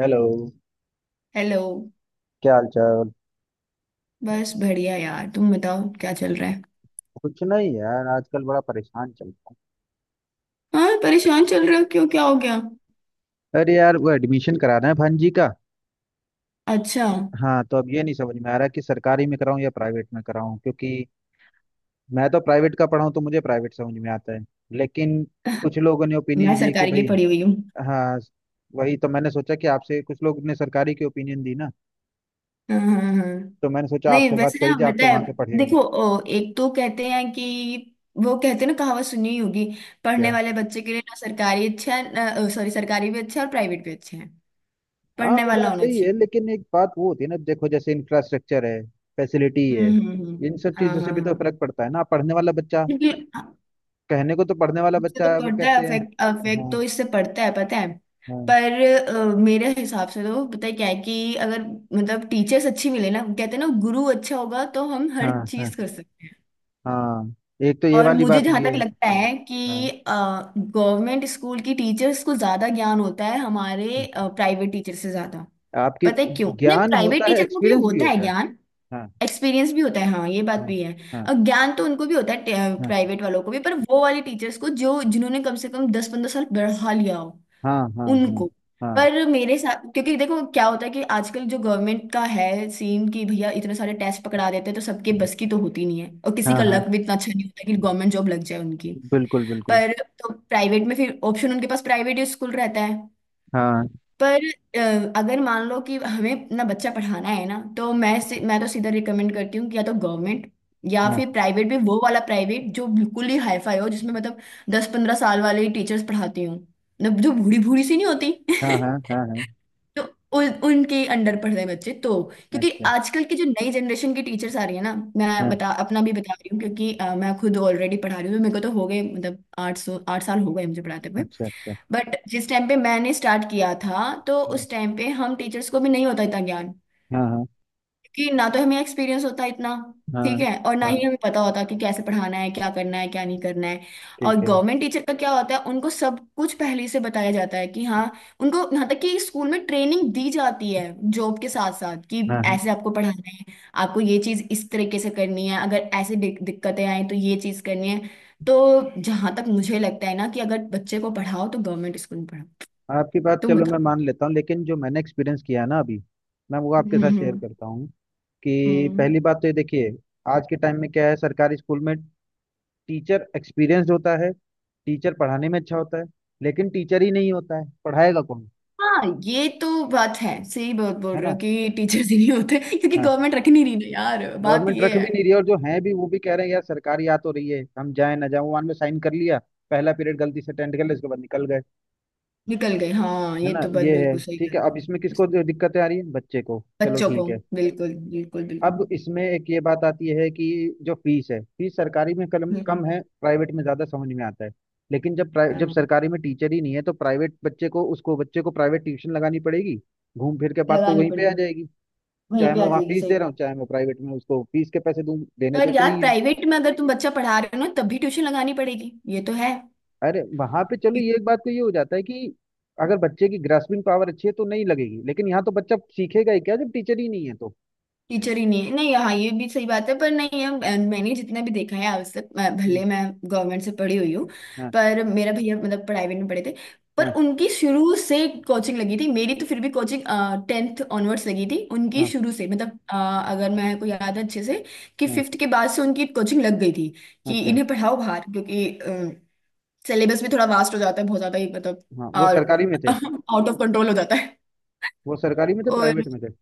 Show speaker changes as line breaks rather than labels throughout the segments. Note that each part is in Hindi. हेलो।
हेलो।
क्या हाल चाल।
बस बढ़िया यार, तुम बताओ क्या चल रहा है?
कुछ नहीं यार, आजकल बड़ा परेशान चल रहा
हाँ, परेशान चल रहे हो? क्यों, क्या हो गया?
हूँ। अरे यार वो एडमिशन कराना है भांजी का।
अच्छा।
हाँ तो अब ये नहीं समझ में आ रहा कि सरकारी में कराऊं या प्राइवेट में कराऊं, क्योंकि मैं तो प्राइवेट का पढ़ा हूं तो मुझे प्राइवेट समझ में आता है। लेकिन कुछ लोगों ने
मैं
ओपिनियन दिए कि
सरकारी की
भाई।
पढ़ी हुई हूँ।
हाँ वही तो मैंने सोचा कि आपसे, कुछ लोग ने सरकारी की ओपिनियन दी ना,
हाँ हाँ हाँ हाँ।
तो मैंने सोचा
नहीं
आपसे बात
वैसे
करी
ना
जाए, आप तो
बताए,
वहां के पढ़े होंगे।
देखो, एक तो कहते हैं कि वो कहते हैं ना, कहावत सुनी ही होगी, पढ़ने वाले बच्चे के लिए ना सरकारी अच्छा है ना, सॉरी, सरकारी भी अच्छा है और प्राइवेट भी अच्छा है।
हाँ
पढ़ने
वो
वाला
बात
होना
सही
चाहिए।
है लेकिन एक बात वो होती है ना, देखो जैसे इंफ्रास्ट्रक्चर है, फैसिलिटी है, इन सब
हाँ
चीजों से
हाँ
भी तो
हाँ।
फर्क पड़ता है ना। पढ़ने वाला बच्चा
बिल्कुल।
कहने को तो पढ़ने वाला
इससे तो
बच्चा है वो
पड़ता है,
कहते हैं।
अफेक्ट, अफेक्ट
हाँ
तो इससे पड़ता है, पता है?
हाँ
पर मेरे हिसाब से तो पता है क्या है कि अगर मतलब टीचर्स अच्छी मिले ना, कहते हैं ना गुरु अच्छा होगा तो हम हर
हाँ हाँ।
चीज कर सकते हैं।
हाँ एक तो ये
और
वाली
मुझे
बात
जहां
भी
तक
है।
लगता है
हाँ
कि गवर्नमेंट स्कूल की टीचर्स को ज्यादा ज्ञान होता है
हाँ।
हमारे प्राइवेट टीचर से ज्यादा।
आपकी
पता है क्यों? नहीं,
ज्ञान
प्राइवेट
होता है,
टीचर को भी
एक्सपीरियंस भी
होता है
होता है।
ज्ञान,
हाँ
एक्सपीरियंस भी होता है, हाँ ये बात
हाँ
भी है।
हाँ
और ज्ञान तो उनको भी होता है,
हाँ
प्राइवेट वालों को भी, पर वो वाले टीचर्स को जो जिन्होंने कम से कम 10–15 साल बढ़ा लिया हो
हाँ हाँ हाँ
उनको।
हाँ
पर मेरे साथ क्योंकि देखो क्या होता है कि आजकल जो गवर्नमेंट का है सीन कि भैया इतने सारे टेस्ट पकड़ा देते हैं तो सबके बस की तो होती नहीं है, और किसी
हाँ
का
हाँ।
लक भी इतना अच्छा नहीं होता कि गवर्नमेंट जॉब लग जाए उनकी।
बिल्कुल बिल्कुल।
पर तो प्राइवेट में फिर ऑप्शन उनके पास प्राइवेट स्कूल रहता है।
हाँ
पर अगर मान लो कि हमें अपना बच्चा पढ़ाना है ना, तो मैं तो सीधा रिकमेंड करती हूँ कि या तो गवर्नमेंट, या
हाँ
फिर प्राइवेट भी वो वाला प्राइवेट जो बिल्कुल ही हाईफाई हो, जिसमें मतलब 10–15 साल वाले टीचर्स पढ़ाती हूँ, मतलब जो बूढ़ी बूढ़ी सी नहीं होती।
हाँ हाँ हाँ हाँ।
तो उन उनके अंडर पढ़ रहे बच्चे तो, क्योंकि
अच्छा।
आजकल की जो नई जनरेशन की टीचर्स आ रही है ना, मैं
हाँ
बता अपना भी बता रही हूँ, क्योंकि मैं खुद ऑलरेडी पढ़ा रही हूँ तो मेरे को तो हो गए, मतलब 8 साल हो गए मुझे पढ़ाते हुए।
अच्छा अच्छा।
बट जिस टाइम पे मैंने स्टार्ट किया था तो
हाँ
उस टाइम पे हम टीचर्स को भी नहीं होता इतना ज्ञान,
हाँ हाँ
कि ना तो हमें एक्सपीरियंस होता इतना,
हाँ
ठीक है, और ना ही
हाँ,
हमें पता होता कि कैसे पढ़ाना है, क्या करना है, क्या नहीं करना है। और
ठीक है।
गवर्नमेंट टीचर का क्या होता है, उनको सब कुछ पहले से बताया जाता है कि हाँ, उनको यहाँ तक कि स्कूल में ट्रेनिंग दी जाती है जॉब के साथ साथ, कि
हाँ हाँ।
ऐसे आपको पढ़ाना है, आपको ये चीज इस तरीके से करनी है, अगर ऐसे दिक्कतें आए तो ये चीज करनी है। तो जहां तक मुझे लगता है ना कि अगर बच्चे को पढ़ाओ तो गवर्नमेंट स्कूल में पढ़ाओ।
आपकी बात
तुम
चलो मैं
बताओ।
मान लेता हूँ, लेकिन जो मैंने एक्सपीरियंस किया है ना अभी, मैं वो आपके
हम्म
साथ शेयर
हम्म
करता हूँ कि
हम्म।
पहली बात तो ये देखिए, आज के टाइम में क्या है सरकारी स्कूल में, टीचर एक्सपीरियंस्ड होता है, टीचर पढ़ाने में अच्छा होता है, लेकिन टीचर ही नहीं होता है, पढ़ाएगा कौन।
हाँ ये तो बात है, सही बात बोल
है
रहे
ना।
हो कि टीचर्स ही नहीं होते, क्योंकि
हाँ
गवर्नमेंट रखनी नहीं ना यार, बात
गवर्नमेंट
ये
रख
है।
भी नहीं रही है, और जो है भी वो भी कह रहे हैं यार, सरकारी आ तो रही है हम जाए ना जाए, वन में साइन कर लिया, पहला पीरियड गलती से अटेंड कर लिया उसके बाद निकल गए।
निकल गए, हाँ
है
ये
ना
तो बात
ये है।
बिल्कुल सही कह
ठीक
रहे
है
हो
अब
तुम।
इसमें किसको दिक्कतें आ रही है, बच्चे को। चलो
बच्चों को,
ठीक है।
बिल्कुल बिल्कुल
अब
बिल्कुल।
इसमें एक ये बात आती है कि जो फीस है, फीस सरकारी में कम
हम्म।
कम है, प्राइवेट में ज़्यादा, समझ में आता है। लेकिन जब जब
हाँ
सरकारी में टीचर ही नहीं है, तो प्राइवेट बच्चे को उसको बच्चे को प्राइवेट ट्यूशन लगानी पड़ेगी। घूम फिर के बाद तो
लगानी
वहीं पे आ
पड़ेगी।
जाएगी।
वहीं
चाहे
पे
मैं
आ
वहाँ
जाएगी,
फीस
सही
दे रहा हूँ
बात।
चाहे मैं प्राइवेट में उसको फीस के पैसे दूं, देने तो
पर
उतने
यार,
ही है।
प्राइवेट में अगर तुम बच्चा पढ़ा रहे हो ना तब भी ट्यूशन लगानी पड़ेगी, ये तो है।
अरे वहां पे चलो ये एक बात तो ये हो जाता है कि अगर बच्चे की ग्रास्पिंग पावर अच्छी है तो नहीं लगेगी, लेकिन यहाँ तो बच्चा सीखेगा ही क्या जब टीचर ही नहीं है तो।
टीचर ही नहीं है, नहीं हाँ ये भी सही बात है पर, नहीं है। मैंने जितना भी देखा है आज तक,
हम्म,
भले मैं गवर्नमेंट से पढ़ी हुई हूँ,
हाँ
पर मेरा भैया मतलब प्राइवेट में पढ़े थे, पर
हाँ
उनकी शुरू से कोचिंग लगी थी। मेरी तो फिर भी कोचिंग टेंथ ऑनवर्ड्स लगी थी, उनकी
हाँ
शुरू से, मतलब अगर मैं को याद है अच्छे से, कि
हाँ।
फिफ्थ के बाद से उनकी कोचिंग लग गई थी, कि
अच्छा अच्छा,
इन्हें पढ़ाओ बाहर, क्योंकि सिलेबस भी थोड़ा वास्ट हो जाता है बहुत ज्यादा ही, मतलब,
हाँ वो
और
सरकारी में थे।
आउट ऑफ कंट्रोल हो जाता है।
वो सरकारी में थे
और
प्राइवेट में थे।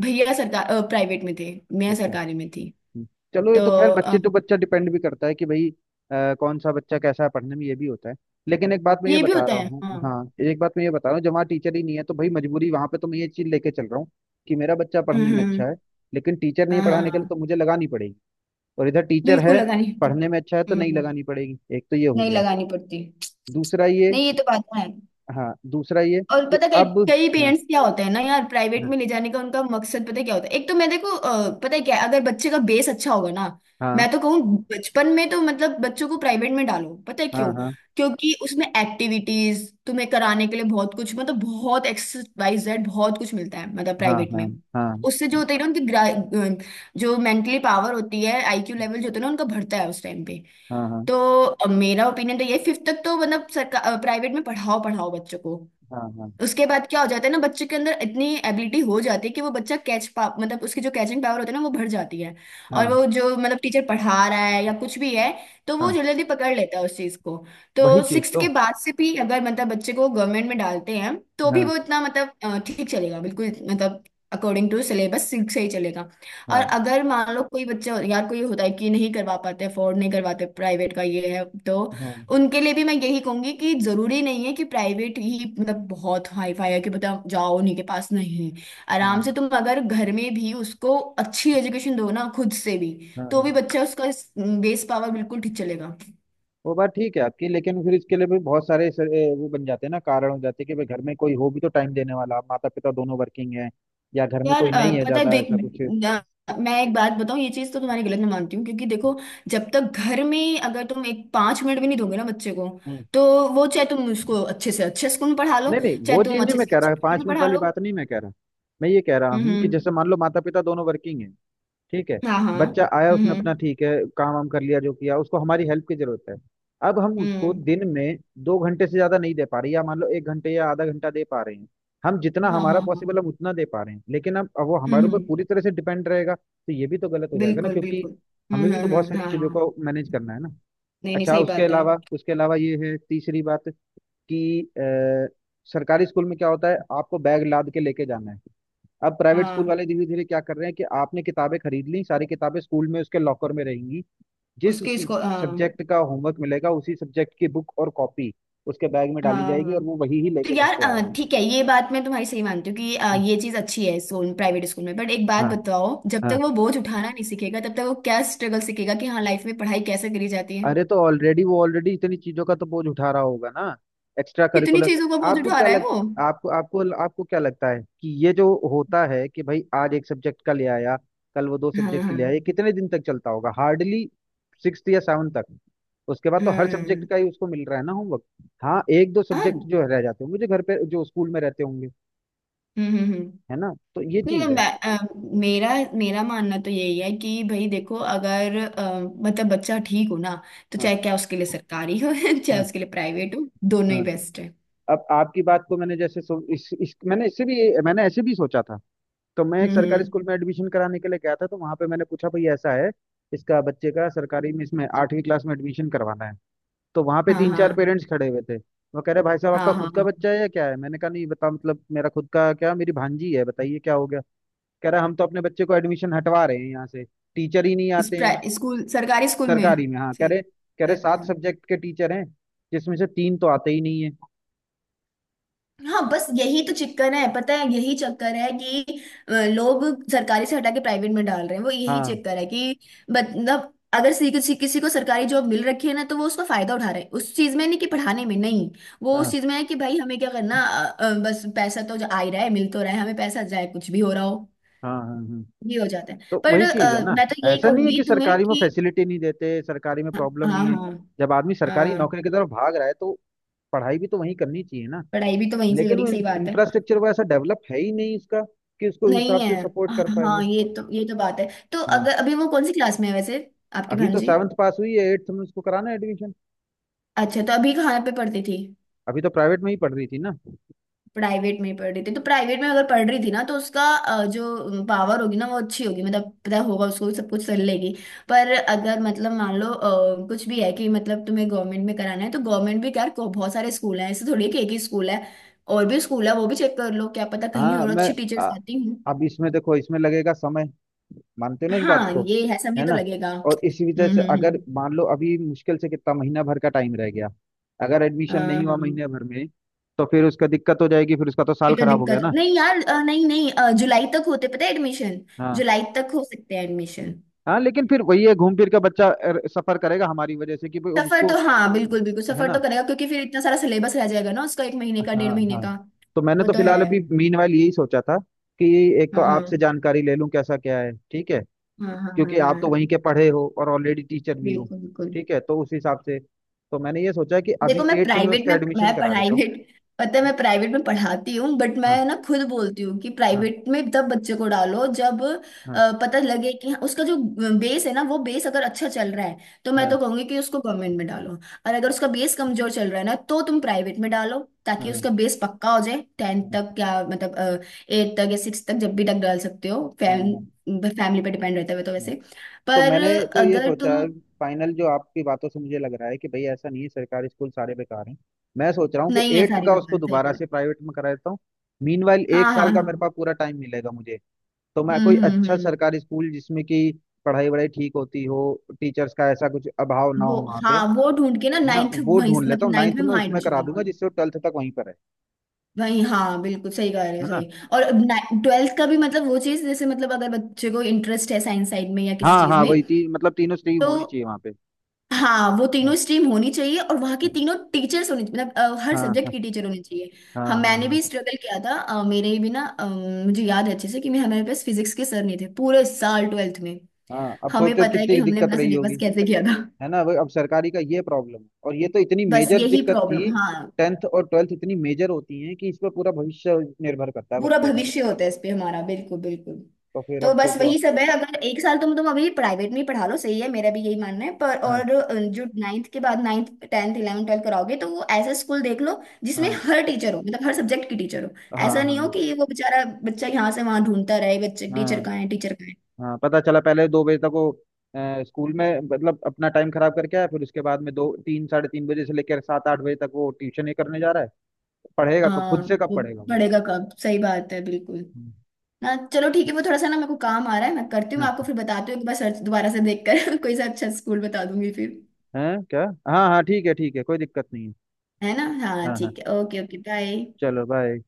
भैया सरकार प्राइवेट में थे, मैं
अच्छा।
सरकारी में थी।
हम्म। चलो ये
तो
तो खैर
अ,
बच्चे तो, बच्चा डिपेंड भी करता है कि भाई कौन सा बच्चा कैसा है पढ़ने में, ये भी होता है। लेकिन एक बात मैं ये
ये भी
बता
होता
रहा
है
हूँ,
हाँ।
हाँ एक बात मैं ये बता रहा हूँ, जब वहाँ टीचर ही नहीं है तो भाई मजबूरी। वहाँ पे तो मैं ये चीज़ लेके चल रहा हूँ कि मेरा बच्चा पढ़ने
हम्म हम्म,
में अच्छा है
हम्म।
लेकिन टीचर नहीं है
हाँ हाँ
पढ़ाने के लिए, तो
हाँ,
मुझे लगानी पड़ेगी। और इधर टीचर
बिल्कुल
है,
लगानी है तो।
पढ़ने में अच्छा है तो नहीं लगानी पड़ेगी, एक तो ये हो
नहीं
गया।
लगानी पड़ती।
दूसरा ये।
नहीं ये तो बात है।
हाँ दूसरा ये
और
कि
पता, कई
अब।
कई
हाँ
पेरेंट्स क्या होते हैं ना यार, प्राइवेट में ले जाने का उनका मकसद पता क्या होता है? एक तो मैं देखो, पता है क्या है, अगर बच्चे का बेस अच्छा होगा ना,
हाँ
मैं तो कहूँ बचपन में तो मतलब बच्चों को प्राइवेट में डालो, पता है
हाँ
क्यों?
हाँ
क्योंकि उसमें एक्टिविटीज तुम्हें कराने के लिए बहुत कुछ, मतलब बहुत एक्सरसाइज जेड बहुत कुछ मिलता है, मतलब
हाँ
प्राइवेट
हाँ
में।
हाँ
उससे जो होता है ना उनकी जो मेंटली पावर होती है, आईक्यू लेवल जो होता है ना उनका, बढ़ता है उस टाइम पे।
हाँ हाँ
तो मेरा ओपिनियन तो ये, फिफ्थ तक तो मतलब सरकार प्राइवेट में पढ़ाओ पढ़ाओ बच्चों को।
हाँ
उसके बाद क्या हो जाता है ना, बच्चे के अंदर इतनी एबिलिटी हो जाती है कि वो बच्चा कैच पा, मतलब उसकी जो कैचिंग पावर होती है ना वो बढ़ जाती है।
हाँ
और
हाँ
वो जो मतलब टीचर पढ़ा रहा है या कुछ भी है, तो वो
हाँ।
जल्दी जल्दी पकड़ लेता है उस चीज को।
वही
तो
चीज
सिक्स्थ
तो।
के बाद से भी अगर मतलब बच्चे को गवर्नमेंट में डालते हैं तो भी
हाँ
वो इतना मतलब ठीक चलेगा बिल्कुल, मतलब अकॉर्डिंग टू सिलेबस सिक्स से ही चलेगा। और
हाँ
अगर मान लो कोई बच्चा, यार कोई होता है कि नहीं करवा पाते, अफोर्ड नहीं करवाते प्राइवेट का, ये है तो
हाँ
उनके लिए भी मैं यही कहूंगी कि जरूरी नहीं है कि प्राइवेट ही मतलब बहुत हाई फाई है कि बताओ जाओ उन्हीं के पास, नहीं।
हाँ
आराम से तुम अगर घर में भी उसको अच्छी एजुकेशन दो ना खुद से भी,
हाँ
तो भी
हाँ।
बच्चा उसका बेस पावर बिल्कुल ठीक चलेगा।
वो बात ठीक है आपकी, लेकिन फिर इसके लिए भी बहुत सारे वो बन जाते हैं ना, कारण हो जाते हैं कि भाई, घर में कोई हो भी तो टाइम देने वाला, माता पिता दोनों वर्किंग है, या घर में
यार
कोई नहीं है
पता है
ज्यादा,
देख,
ऐसा कुछ।
मैं एक बात बताऊं, ये चीज तो तुम्हारी गलत मैं मानती हूँ, क्योंकि देखो जब तक घर में अगर तुम एक 5 मिनट भी नहीं दोगे ना बच्चे को,
हम्म।
तो वो चाहे तुम उसको अच्छे से अच्छे स्कूल में पढ़ा लो,
नहीं नहीं
चाहे
वो चीज
तुम
नहीं,
अच्छे
मैं
से
कह
अच्छे
रहा
स्कूल
पांच
में
मिनट
पढ़ा
वाली
लो।
बात नहीं मैं कह रहा, मैं ये कह रहा हूँ कि
हम्म।
जैसे मान लो माता पिता दोनों वर्किंग है, ठीक है,
हाँ हाँ।
बच्चा आया उसने अपना
हम्म
ठीक है, काम वाम कर लिया जो किया, उसको हमारी हेल्प की जरूरत है, अब हम उसको
हम्म।
दिन में 2 घंटे से ज्यादा नहीं दे पा रहे, या मान लो 1 घंटे या आधा घंटा दे पा रहे हैं, हम जितना
हाँ
हमारा
हाँ हाँ।
पॉसिबल हम उतना दे पा रहे हैं, लेकिन अब वो
हम्म
हमारे ऊपर
हम्म,
पूरी तरह से डिपेंड रहेगा तो ये भी तो गलत हो जाएगा ना,
बिल्कुल
क्योंकि
बिल्कुल।
हमें भी तो बहुत सारी
हाँ
चीजों
हाँ।
को मैनेज करना है ना।
नहीं नहीं,
अच्छा
सही
उसके
बात है।
अलावा, उसके अलावा ये है तीसरी बात कि सरकारी स्कूल में क्या होता है, आपको बैग लाद के लेके जाना है। अब प्राइवेट स्कूल
हाँ,
वाले धीरे धीरे क्या कर रहे हैं कि आपने किताबें खरीद ली, सारी किताबें स्कूल में उसके लॉकर में रहेंगी, जिस
उसके इसको हाँ।
सब्जेक्ट का होमवर्क मिलेगा उसी सब्जेक्ट की बुक और कॉपी उसके बैग में
हाँ
डाली जाएगी, और
हाँ।
वो वही ही
तो
लेके घर
यार
पे आएगा।
ठीक है, ये बात मैं तुम्हारी सही मानती हूँ कि ये चीज अच्छी है स्कूल, प्राइवेट स्कूल में। बट एक बात
हाँ
बताओ, जब तक
हाँ
वो बोझ उठाना नहीं सीखेगा तब तक वो क्या स्ट्रगल सीखेगा कि हाँ लाइफ में पढ़ाई कैसे करी जाती है।
अरे तो ऑलरेडी वो ऑलरेडी इतनी चीजों का तो बोझ उठा रहा होगा ना, एक्स्ट्रा
कितनी
करिकुलर।
चीजों का बोझ
आपको
उठा
क्या
रहा है
लग
वो?
आपको आपको आपको क्या लगता है कि ये जो होता है कि भाई आज एक सब्जेक्ट का ले आया, कल वो दो
हाँ
सब्जेक्ट के
हाँ।
ले आया, ये कितने दिन तक चलता होगा, हार्डली सिक्स या सेवन तक। उसके बाद तो हर सब्जेक्ट
हम्म।
का ही उसको मिल रहा है ना होमवर्क। हाँ एक दो
हाँ,
सब्जेक्ट
हम्म।
जो रह जाते होंगे, जो घर पे, जो स्कूल में रहते होंगे।
हम्म हम्म।
है ना, तो ये
नहीं नहीं,
चीज है।
मेरा, मेरा मानना तो यही है कि भाई देखो, अगर मतलब बच्चा ठीक हो ना, तो
हाँ
चाहे क्या उसके लिए सरकारी हो चाहे
हाँ
उसके लिए प्राइवेट हो, दोनों ही
हाँ।
बेस्ट है।
अब आपकी बात को मैंने जैसे सो, इस मैंने इससे भी, मैंने ऐसे भी सोचा था। तो मैं एक
हम्म
सरकारी
हम्म,
स्कूल में एडमिशन कराने के लिए गया था, तो वहां पे मैंने पूछा भाई ऐसा है, इसका बच्चे का सरकारी में इसमें 8वीं क्लास में एडमिशन करवाना है। तो वहां पे
हाँ
तीन चार
हाँ
पेरेंट्स खड़े हुए थे, वो कह रहे भाई साहब आपका
हाँ हाँ
खुद का
हाँ।
बच्चा है या क्या है, मैंने कहा नहीं बता मतलब, मेरा खुद का क्या, मेरी भांजी है, बताइए क्या हो गया। कह रहा हम तो अपने बच्चे को एडमिशन हटवा रहे हैं यहाँ से, टीचर ही नहीं आते हैं।
स्कूल सरकारी स्कूल में
सरकारी में, हाँ कह
से?
रहे, कह रहे सात
अच्छा।
सब्जेक्ट के टीचर हैं, जिसमें से तीन तो आते ही नहीं है।
हाँ बस यही तो चक्कर है, पता है यही चक्कर है, कि लोग सरकारी से हटा के प्राइवेट में डाल रहे हैं, वो यही
हाँ
चक्कर है कि मतलब अगर किसी किसी को सरकारी जॉब मिल रखी है ना तो वो उसका फायदा उठा रहे हैं उस चीज में, नहीं कि पढ़ाने में, नहीं। वो उस
हाँ
चीज में है कि भाई हमें क्या करना, बस पैसा तो जो आ ही रहा है, मिल तो रहा है, हमें पैसा, जाए कुछ भी हो रहा हो।
हाँ हाँ हाँ।
ये हो जाता है।
तो
पर
वही चीज है ना,
मैं तो यही
ऐसा नहीं है
कहूंगी
कि
तुम्हें
सरकारी में
कि,
फैसिलिटी नहीं देते, सरकारी में
हाँ
प्रॉब्लम
हाँ
नहीं है।
हाँ
जब आदमी सरकारी
हाँ,
नौकरी की तरफ भाग रहा है तो पढ़ाई भी तो वहीं करनी चाहिए ना,
पढ़ाई भी तो वहीं से
लेकिन वो
करी, सही बात है।
इंफ्रास्ट्रक्चर वो ऐसा डेवलप है ही नहीं उसका, कि उसको उस
नहीं
हिसाब
है,
से सपोर्ट कर पाए वो।
हाँ ये तो, ये तो बात है। तो
हाँ
अगर अभी वो कौन सी क्लास में है वैसे, आपकी
अभी तो
भांजी?
7th पास हुई है, 8th में उसको कराना है एडमिशन।
अच्छा, तो अभी कहाँ पे पढ़ती थी?
अभी तो प्राइवेट में ही पढ़ रही थी ना।
प्राइवेट में ही पढ़ रही थी? तो प्राइवेट में अगर पढ़ रही थी ना, तो उसका जो पावर होगी ना वो अच्छी होगी, मतलब पता होगा उसको, सब कुछ कर लेगी। पर अगर मतलब मान लो कुछ भी है कि मतलब तुम्हें गवर्नमेंट में कराना है, तो गवर्नमेंट भी यार बहुत सारे स्कूल हैं, ऐसे थोड़ी है कि एक ही स्कूल है। और भी स्कूल है, वो भी चेक कर लो, क्या पता कहीं
हाँ
और
मैं,
अच्छी टीचर्स आती हूँ।
अब इसमें देखो इसमें लगेगा समय, मानते हो ना इस बात
हाँ
को।
ये है, समय
है
तो
ना,
लगेगा।
और इसी वजह से अगर
हम्म।
मान लो अभी मुश्किल से कितना महीना भर का टाइम रह गया, अगर एडमिशन
हाँ
नहीं हुआ महीने
हाँ।
भर में तो फिर उसका दिक्कत हो जाएगी, फिर उसका तो साल
ये तो
खराब हो गया
दिक्कत
ना।
नहीं यार, नहीं नहीं, जुलाई तक होते पता है एडमिशन,
हाँ
जुलाई तक हो सकते हैं एडमिशन।
हाँ लेकिन फिर वही है, घूम फिर के बच्चा सफर करेगा हमारी वजह से कि भाई अब
सफर तो
उसको।
हाँ बिल्कुल बिल्कुल,
है
सफर
ना।
तो करेगा, क्योंकि फिर इतना सारा सिलेबस रह जाएगा ना उसका, एक महीने का
हाँ
डेढ़ महीने
हाँ
का।
तो मैंने
वो
तो
तो है।
फिलहाल अभी मीनवाइल यही सोचा था कि एक तो
हाँ
आपसे
हाँ
जानकारी ले लूं कैसा क्या है, ठीक है,
हाँ हाँ हाँ
क्योंकि
हाँ हाँ,
आप तो
हाँ,
वहीं के पढ़े हो और ऑलरेडी टीचर भी हो।
बिल्कुल बिल्कुल।
ठीक है तो उस हिसाब से तो मैंने ये सोचा कि
देखो
अभी
मैं
8th में
प्राइवेट
उसका
में,
एडमिशन
मैं
करा देता हूँ।
प्राइवेट, पता है
हाँ
मैं प्राइवेट में पढ़ाती हूँ, बट
हाँ
मैं ना खुद बोलती हूँ कि
हाँ
प्राइवेट में तब बच्चे को डालो जब
हाँ
पता लगे कि हाँ, उसका जो बेस है ना, वो बेस अगर अच्छा चल रहा है तो मैं
हाँ
तो कहूंगी कि उसको गवर्नमेंट में डालो। और अगर उसका बेस कमजोर चल रहा है ना, तो तुम प्राइवेट में डालो, ताकि
हाँ
उसका बेस पक्का हो जाए टेंथ
हाँ,
तक, या मतलब एट तक या सिक्स तक, जब भी तक डाल सकते हो।
हाँ,
फैमिली पे डिपेंड रहता है वो तो
हाँ।
वैसे।
तो
पर
मैंने, तो ये
अगर
सोचा
तुम,
है, फाइनल जो आपकी बातों से मुझे लग रहा है कि भाई ऐसा नहीं है सरकारी स्कूल सारे बेकार हैं, मैं सोच रहा हूँ कि
नहीं है
8th
सारी
का
बात,
उसको
सही
दोबारा
बात।
से प्राइवेट में करा देता हूँ। मीनवाइल एक
हाँ
साल
हाँ
का
हाँ।
मेरे पास पूरा टाइम मिलेगा मुझे, तो मैं कोई अच्छा
हम्म।
सरकारी स्कूल जिसमें कि पढ़ाई वढ़ाई ठीक होती हो, टीचर्स का ऐसा कुछ अभाव ना
वो
हो वहाँ पे।
हाँ, वो ढूंढ के ना
है ना,
नाइन्थ,
वो
वहीं
ढूंढ लेता
मतलब
हूँ
नाइन्थ
9th
में
में
वहाँ
उसमें
एडमिशन
करा
दिला
दूंगा,
लो।
जिससे वो 12th तक वहीं पर है।
वहीं हाँ, बिल्कुल सही कह रहे हो,
है ना।
सही। और ट्वेल्थ का भी मतलब वो चीज़ जैसे, मतलब अगर बच्चे को इंटरेस्ट है साइंस साइड में या किसी
हाँ
चीज़
हाँ
में,
वही तीन मतलब तीनों स्ट्रीम होनी
तो
चाहिए वहाँ पे।
हाँ, वो
हाँ
तीनों स्ट्रीम होनी चाहिए और वहाँ की तीनों टीचर्स होनी, मतलब हर
हाँ
सब्जेक्ट
हाँ
की टीचर होनी चाहिए। हाँ
हाँ हाँ
मैंने
हाँ
भी स्ट्रगल किया था, अ, मेरे भी ना अ, मुझे याद है अच्छे से कि मैं, हमारे पास फिजिक्स के सर नहीं थे पूरे साल ट्वेल्थ में।
हाँ, अब
हमें
सोचो
पता है कि
कितनी
हमने
दिक्कत
अपना
रही होगी।
सिलेबस कैसे किया था।
है ना, वो अब सरकारी का ये प्रॉब्लम है, और ये तो इतनी
बस
मेजर
यही
दिक्कत
प्रॉब्लम,
थी।
हाँ।
10th और 12th इतनी मेजर होती हैं कि इस पर पूरा भविष्य निर्भर करता है
पूरा
बच्चे का।
भविष्य होता है इस पे हमारा, बिल्कुल बिल्कुल।
तो फिर
तो
अब
बस
सोचो।
वही सब है, अगर एक साल तुम अभी प्राइवेट में ही पढ़ा लो, सही है, मेरा भी यही मानना है। पर
हाँ
और जो नाइन्थ के बाद, नाइन्थ टेंथ इलेवन ट्वेल्थ कराओगे, तो वो ऐसा स्कूल देख लो जिसमें
हाँ
हर टीचर हो, मतलब हर सब्जेक्ट की टीचर हो।
हाँ
ऐसा
हाँ
नहीं हो कि वो बेचारा बच्चा यहाँ से वहां ढूंढता रहे, बच्चे टीचर
हाँ
कहाँ है, टीचर कहाँ है।
हाँ। पता चला पहले 2 बजे तक वो स्कूल में, मतलब अपना टाइम खराब करके आया, फिर उसके बाद में दो तीन 3:30 बजे से लेकर 7-8 बजे तक वो ट्यूशन ही करने जा रहा है, पढ़ेगा कब,
हाँ
खुद से कब
वो,
पढ़ेगा वो।
पढ़ेगा कब, सही बात है बिल्कुल।
हम्म,
ना चलो ठीक है, वो थोड़ा सा ना मेरे को काम आ रहा है, मैं करती हूँ,
हाँ।
मैं आपको फिर बताती हूँ एक बार सर्च दोबारा से देखकर, कोई सा अच्छा स्कूल बता दूंगी फिर।
हैं क्या। हाँ हाँ ठीक है ठीक है, कोई दिक्कत नहीं है।
है ना, हाँ
हाँ हाँ
ठीक है, ओके ओके, बाय।
चलो बाय।